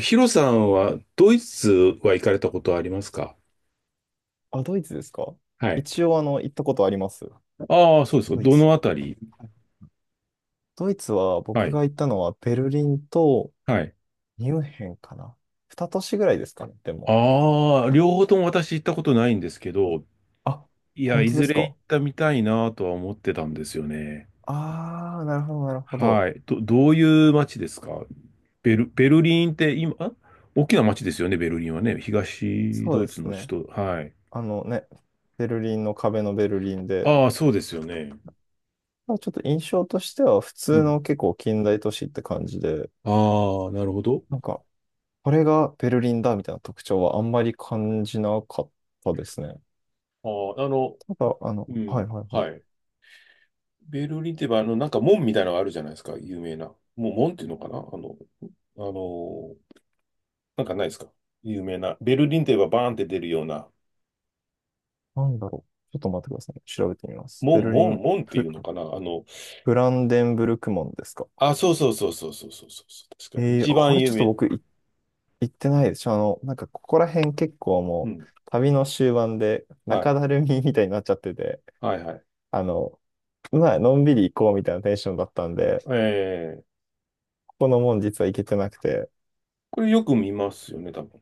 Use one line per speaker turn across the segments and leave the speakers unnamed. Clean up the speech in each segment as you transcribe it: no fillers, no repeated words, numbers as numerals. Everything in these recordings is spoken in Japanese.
ヒロさんはドイツは行かれたことはありますか？
あ、ドイツですか？
はい。
一応、行ったことあります。
ああ、そうですか。
ドイ
ど
ツ。
のあたり？
はい。ドイツは、
は
僕
い。
が行ったのは、ベルリンと
はい。
ミュンヘンかな。二都市ぐらいですかね、でも。
ああ、両方とも私行ったことないんですけど、
あ、
いや、
本
い
当で
ず
す
れ行
か。
ったみたいなとは思ってたんですよね。
あー、なるほど、なるほど。
はい。どういう街ですか？ベルリンって今、あ、大きな街ですよね、ベルリンはね。東
そう
ド
で
イツ
す
の
ね。
首都。はい。
あのね、ベルリンの壁のベルリンで、
ああ、そうですよね。
まあちょっと印象としては、普
う
通
ん。
の結構近代都市って感じで、
ああ、なるほど。
なんか、これがベルリンだみたいな特徴はあんまり感じなかったですね。
ああ、あの、
ただ、
う
はい
ん。
はいは
は
い。
い。ベルリンってば、あの、なんか門みたいなのがあるじゃないですか、有名な。もう門っていうのかな、あの、あの、なんかないですか、有名な。ベルリンとい言えばバーンって出るような。
なんだろう。ちょっと待ってくださいね。調べてみます。ベ
門、
ルリ
門、
ン、
門っていうのかな、あの、
フランデンブルク門ですか？
あ、そうそうそうそうそうそうそう。確か、一
こ
番
れち
有
ょっと
名。
行ってないでしょ。なんかここら辺結構
う
もう
ん。
旅の終盤で
は
中
い。
だるみみたいになっちゃってて、
はいはい。
あの、まあ、のんびり行こうみたいなテンションだったんで、
えー、
ここの門実は行けてなくて、
これよく見ますよね、多分。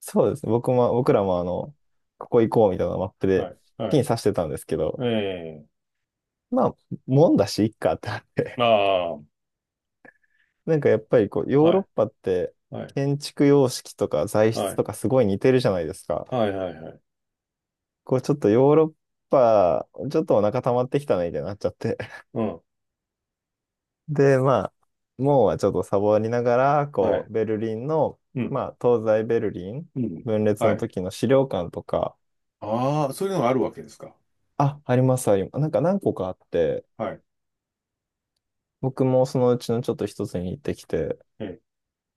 そうですね。僕らもここ行こうみたいなマップで
はい。は
ピン
い。
刺してたんですけど、
え
まあ、門だし、いっかってなって、
あ
なんかやっぱりこう、
あ、
ヨー
は
ロッ
い。
パって
はい。
建築様式とか材
は
質
い。
とかすごい似てるじゃないですか。
はいはいはい。
こうちょっとヨーロッパ、ちょっとお腹溜まってきたねみたいになっちゃって。
うん。
で、まあ、もうはちょっとサボりながら、
は
こ
い。
う、ベルリンの、
うん。
まあ、東西ベルリン
うん。
分裂
は
の
い。
時の資料館とか、
ああ、そういうのがあるわけですか。
あ、あります、あります。なんか何個かあって、
はい。
僕もそのうちのちょっと一つに行ってきて、
ええ、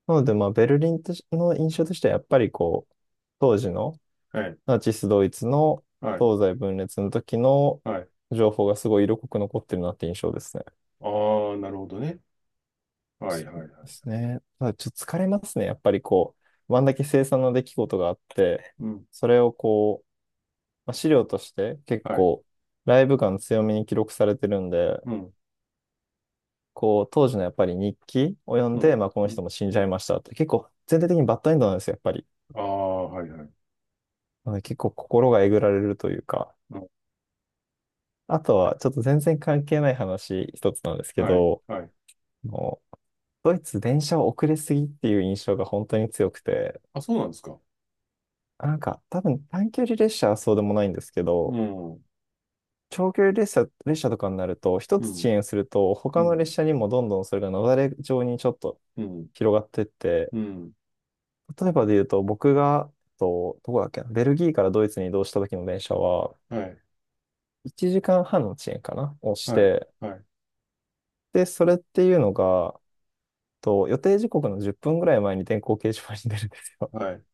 なので、まあ、ベルリンとしの印象としてはやっぱりこう、当時の
はい、
ナチスドイツの
はい、
東西分裂の時の
はい。
情報がすごい色濃く残ってるなって印象ですね。
ああ、なるほどね。はい、はい、は
です
い。
ね。ただちょっと疲れますね。やっぱりこう、あんだけ凄惨な出来事があって、
うん、
それをこう、まあ、資料として結
はい、
構ライブ感強めに記録されてるんで、
うん、
こう、当時のやっぱり日記を読ん
う
で、
ん、
まあこの
う
人
ん。
も死ん
う
じゃ
ん、
いましたって、結構全体的にバッドエンドなんですよ、やっぱり。
ああ、はい、はい。
なので結構心がえぐられるというか。
うん、
あとは、ちょっと全然関係ない話一つなんですけ
はい、
ど、
はい。
あのドイツ電車遅れすぎっていう印象が本当に強くて、
あ、そうなんですか。
なんか多分短距離列車はそうでもないんですけ
う
ど、
ん、うん、
長距離列車、列車とかになると、一
う
つ遅
ん、
延すると
う
他の
ん、
列車にもどんどんそれが雪崩状にちょっと
うん。
広がってって、
うん、
例えばで言うと僕が、どこだっけな、ベルギーからドイツに移動した時の電車は
はい、
1時間半の遅延かなをし
はい、
て、
はい、
で、それっていうのが、予定時刻の10分ぐらい前に電光掲示板に出るんですよ。
はい。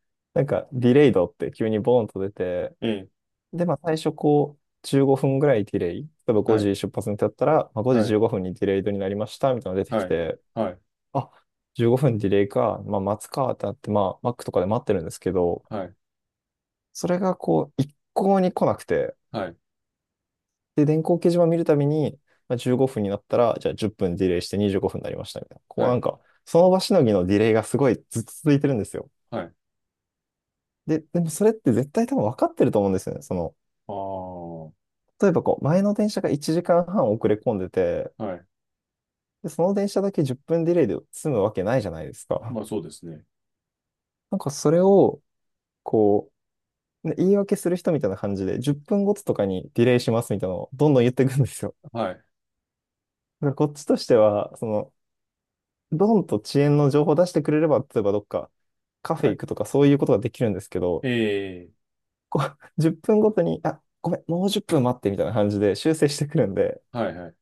なんか、ディレイドって急にボーンと出て、
ええ、
で、まあ、最初こう、15分ぐらいディレイ。例えば
は
5
い、
時出発にだったら、まあ、5
は
時
い、
15分にディレイドになりました、みたいなのが出てき
はい、
て、
はい、
あ、15分ディレイか、まあ、待つかってなって、まあ、マックとかで待ってるんですけど、
はい、
それがこう、一向に来なくて、
はい、
で、電光掲示板見るたびに、まあ、15分になったら、じゃあ10分ディレイして25分になりました、みたいな。こう
は
なん
い、
か、その場しのぎのディレイがすごいずっと続いてるんですよ。
はい。
で、でもそれって絶対多分分かってると思うんですよね。その、
ああ、は
例えばこう、前の電車が1時間半遅れ込んでて、
い。
で、その電車だけ10分ディレイで済むわけないじゃないですか。
まあ、そうですね。
なんかそれを、こう、ね言い訳する人みたいな感じで、10分ごととかにディレイしますみたいなのをどんどん言っていくんですよ。
はい、
だからこっちとしては、その、ドンと遅延の情報を出してくれれば、例えばどっかカフェ
はい。
行くとかそういうことができるんですけど、
ええ、
こう、10分ごとに、あ、ごめん、もう10分待ってみたいな感じで修正してくるんで、
はい、はい。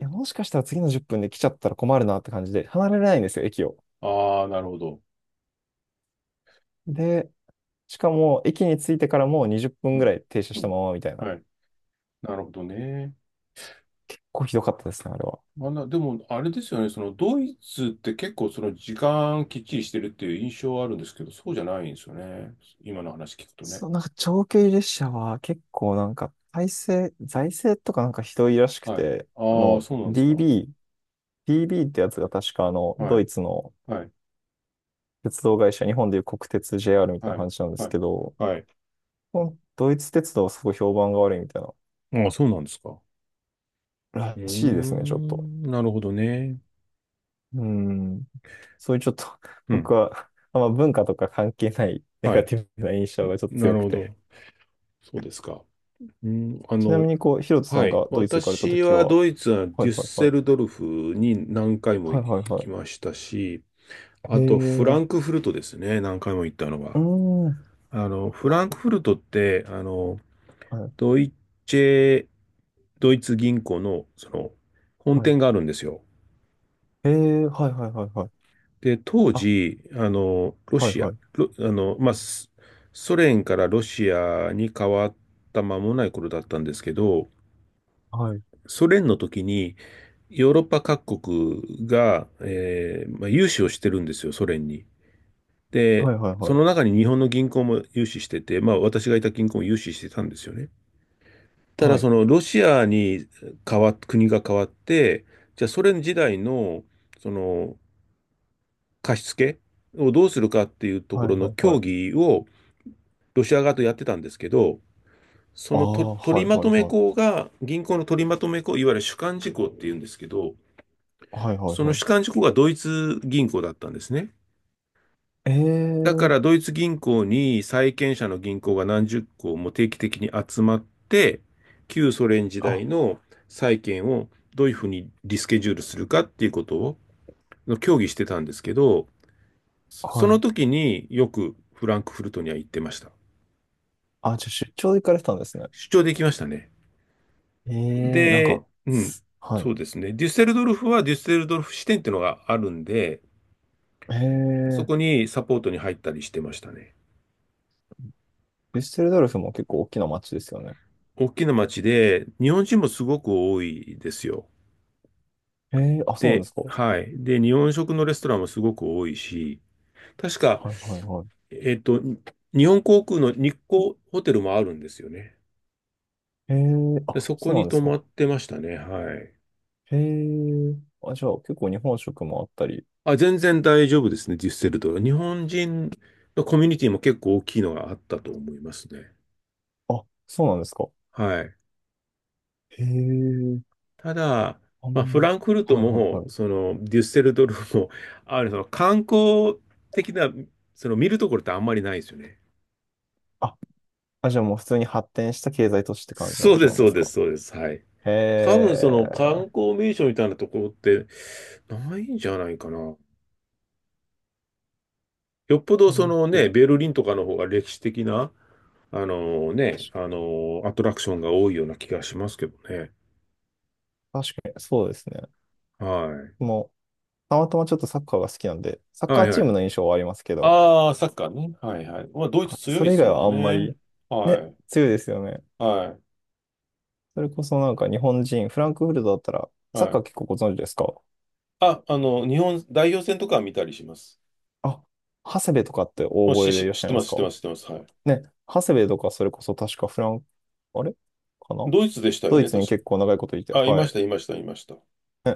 いや、もしかしたら次の10分で来ちゃったら困るなって感じで、離れられないんですよ、駅を。
ああ、なるほど。
で、しかも、駅に着いてからもう20分
う
ぐ
ん、
らい停車
う
した
ん。
ままみたいな。
はい。なるほどね。
こうひどかったですね、あれは。
あな、でも、あれですよね、そのドイツって結構その時間きっちりしてるっていう印象はあるんですけど、そうじゃないんですよね。今の話聞くとね。
そう、なんか長距離列車は結構なんか、体制、財政とかなんかひどいらしく
はい。
て、
ああ、そうなんですか。
DB ってやつが確か
は
ド
い。
イツの
はい。
鉄道会社、日本でいう国鉄 JR みたいな
はい。
話なんです
はい。
けど、
はい。
このドイツ鉄道はすごい評判が悪いみたいな、
ああ、そうなんですか。う
ら
ー
しいですね、ちょっと。
ん、なるほどね。
うん。そういうちょっと、
うん。
僕は、あんま文化とか関係ないネ
は
ガ
い。
ティブな印象
ん、
がちょっと
な
強
る
く
ほ
て。
ど。そうですか。うん、あ
ちなみ
の、
に、こう、ヒロトさ
は
ん
い。
がドイツ行かれたと
私
き
は
は、
ドイツはデュ
はい
ッ
はい
セ
はい。
ルドルフに何回も
はい
行
はいは
きましたし、
い。
あ
へえ、
と、フラ
う
ンクフルトですね。何回も行ったの
ー
が。
ん。は
あの、フランクフルトって、あの、
い
ドイツェ、ドイツ銀行の、その、本
はい。
店があるんですよ。
へえ、はいはいはいはい。
で、当
あ、
時、あの、ロ
はい
シア、
はい。
ロあの、まあ、ソ連からロシアに変わった間もない頃だったんですけど、
はい。
ソ連の時に、ヨーロッパ各国が、まあ、融資をしてるんですよ、ソ連に。で、
はいはい
そ
はい。
の中に日本の銀行も融資してて、まあ私がいた銀行も融資してたんですよね。ただ
はい。
そのロシアに変わっ、国が変わって、じゃあソ連時代のその貸し付けをどうするかっていうとこ
はい
ろの
はいは
協
い。
議をロシア側とやってたんですけど、そ
あ
のと
あ、
取
は
り
い
ま
は
と
い
め
はい。
行が、銀行の取りまとめ行、いわゆる主幹事項っていうんですけど、
はいはい
その
はい。
主幹事項がドイツ銀行だったんですね。
え
だか
え、
らドイツ銀行に債権者の銀行が何十行も定期的に集まって、旧ソ連時
あ、
代の債権をどういうふうにリスケジュールするかっていうことを協議してたんですけど、そ
は
の
い。
時によくフランクフルトには行ってました。
あ、じゃあ出張で行かれてたんですね。
出張できましたね。
ええ、なん
で、
か、
うん、
はい。
そうですね。デュッセルドルフはデュッセルドルフ支店っていうのがあるんで、
え
そ
え、
こにサポートに入ったりしてましたね。
デュッセルドルフも結構大きな街ですよね。
大きな町で、日本人もすごく多いですよ。
ええ、あ、そうなん
で、
ですか。は
はい。で、日本食のレストランもすごく多いし、確
い
か、
はいはい。
えっと、日本航空の日光ホテルもあるんですよね。
ええ、
で、
あ、
そ
そ
こ
うなん
に
で
泊
すか。
まってましたね。はい。
へえ。あ、じゃあ結構日本食もあったり。
あ、全然大丈夫ですね、デュッセルドルフ。日本人のコミュニティも結構大きいのがあったと思いますね。
あ、そうなんですか。
はい。
へえ。
ただ、
あ
まあ、
ん
フ
ま。
ランクフルト
はいはい
も、
はい。
その、デュッセルドルフも、あの、その観光的な、その見るところってあんまりないですよね。
あ、あ、じゃあもう普通に発展した経済都市って感じの
そ
場
うで
所
す、
なん
そ
で
う
す
です、
か。
そうです。はい。
へ
多分その観
え。
光名所みたいなところってないんじゃないかな。よっぽど
あ
その
ふり
ね、ベルリンとかの方が歴史的な、あのね、あのアトラクションが多いような気がしますけどね。
確かに、そうですね。
は
もう、たまたまちょっとサッカーが好きなんで、サッ
い。
カ
は
ー
いは
チー
い。
ムの印象はありますけど、
ああ、サッカーね。はいはい。まあ、ドイ
は
ツ
い
強い
そ
で
れ以
す
外
も
は
ん
あんま
ね。
り、
は
ね、
い。
強いですよね。
は
それこそなんか日本人、フランクフルトだったら、
い。
サッ
は
カー
い。
結構ご存知ですか？
あ、あの、日本代表戦とかは見たりします。
あ、長谷部とかって大
も
覚
し、
えでい
し、
らっ
知
し
っ
ゃい
て
ま
ま
す
す、知っ
か？
てます、知ってます。はい。
ね、長谷部とかそれこそ確かフラン、あれかな、
ドイツでしたよ
ドイ
ね、
ツに
確
結構長いこといて、
か。あ、い
は
まし
い。
た、いました、いました。
ね、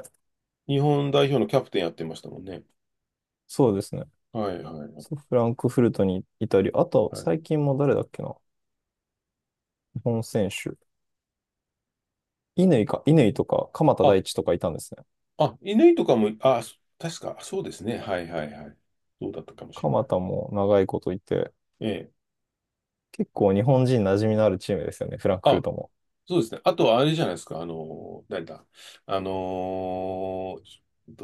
日本代表のキャプテンやってましたもんね。
そうですね。
はいはいはい
そう、フランクフルトにいたり、あと
はい。
最近も誰だっけな、日本選手。乾とか鎌田
あ、
大地とかいたんですね。
あ、犬とかも、あ、そ確か、そうですね。はいはいはい。そうだったかもしれ
鎌
ない。
田も長いこといて、
ええ。
結構日本人馴染みのあるチームですよね、フランクフル
あ、
トも。
そうですね。あと、あれじゃないですか。あの、誰だ。あのー、ちょっ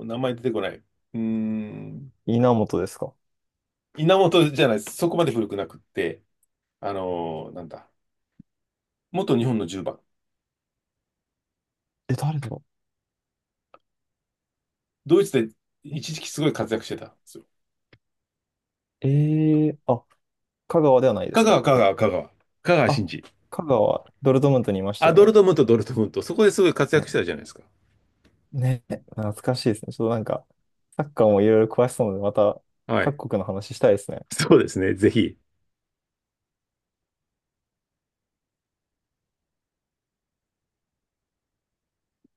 と、名前出てこない。うーん、
稲本ですか？
稲本じゃないです。そこまで古くなくって、あのー、なんだ。元日本の10番。
え、誰だ？
ドイツで
え、
一時期すごい活躍してたんですよ。
あ、香川ではないで
香
すか？
川、香川、香川。香川
あ、
真司。
香川、ドルトムントにいました
あ、
よ
ドル
ね。
トムント、ドルトムント。そこですごい活躍してた
ね。
じゃないですか。
ね、懐かしいですね。ちょっとなんか、サッカーもいろいろ詳しそうなので、また
はい。
各国の話したいですね。
そうですね、ぜひ。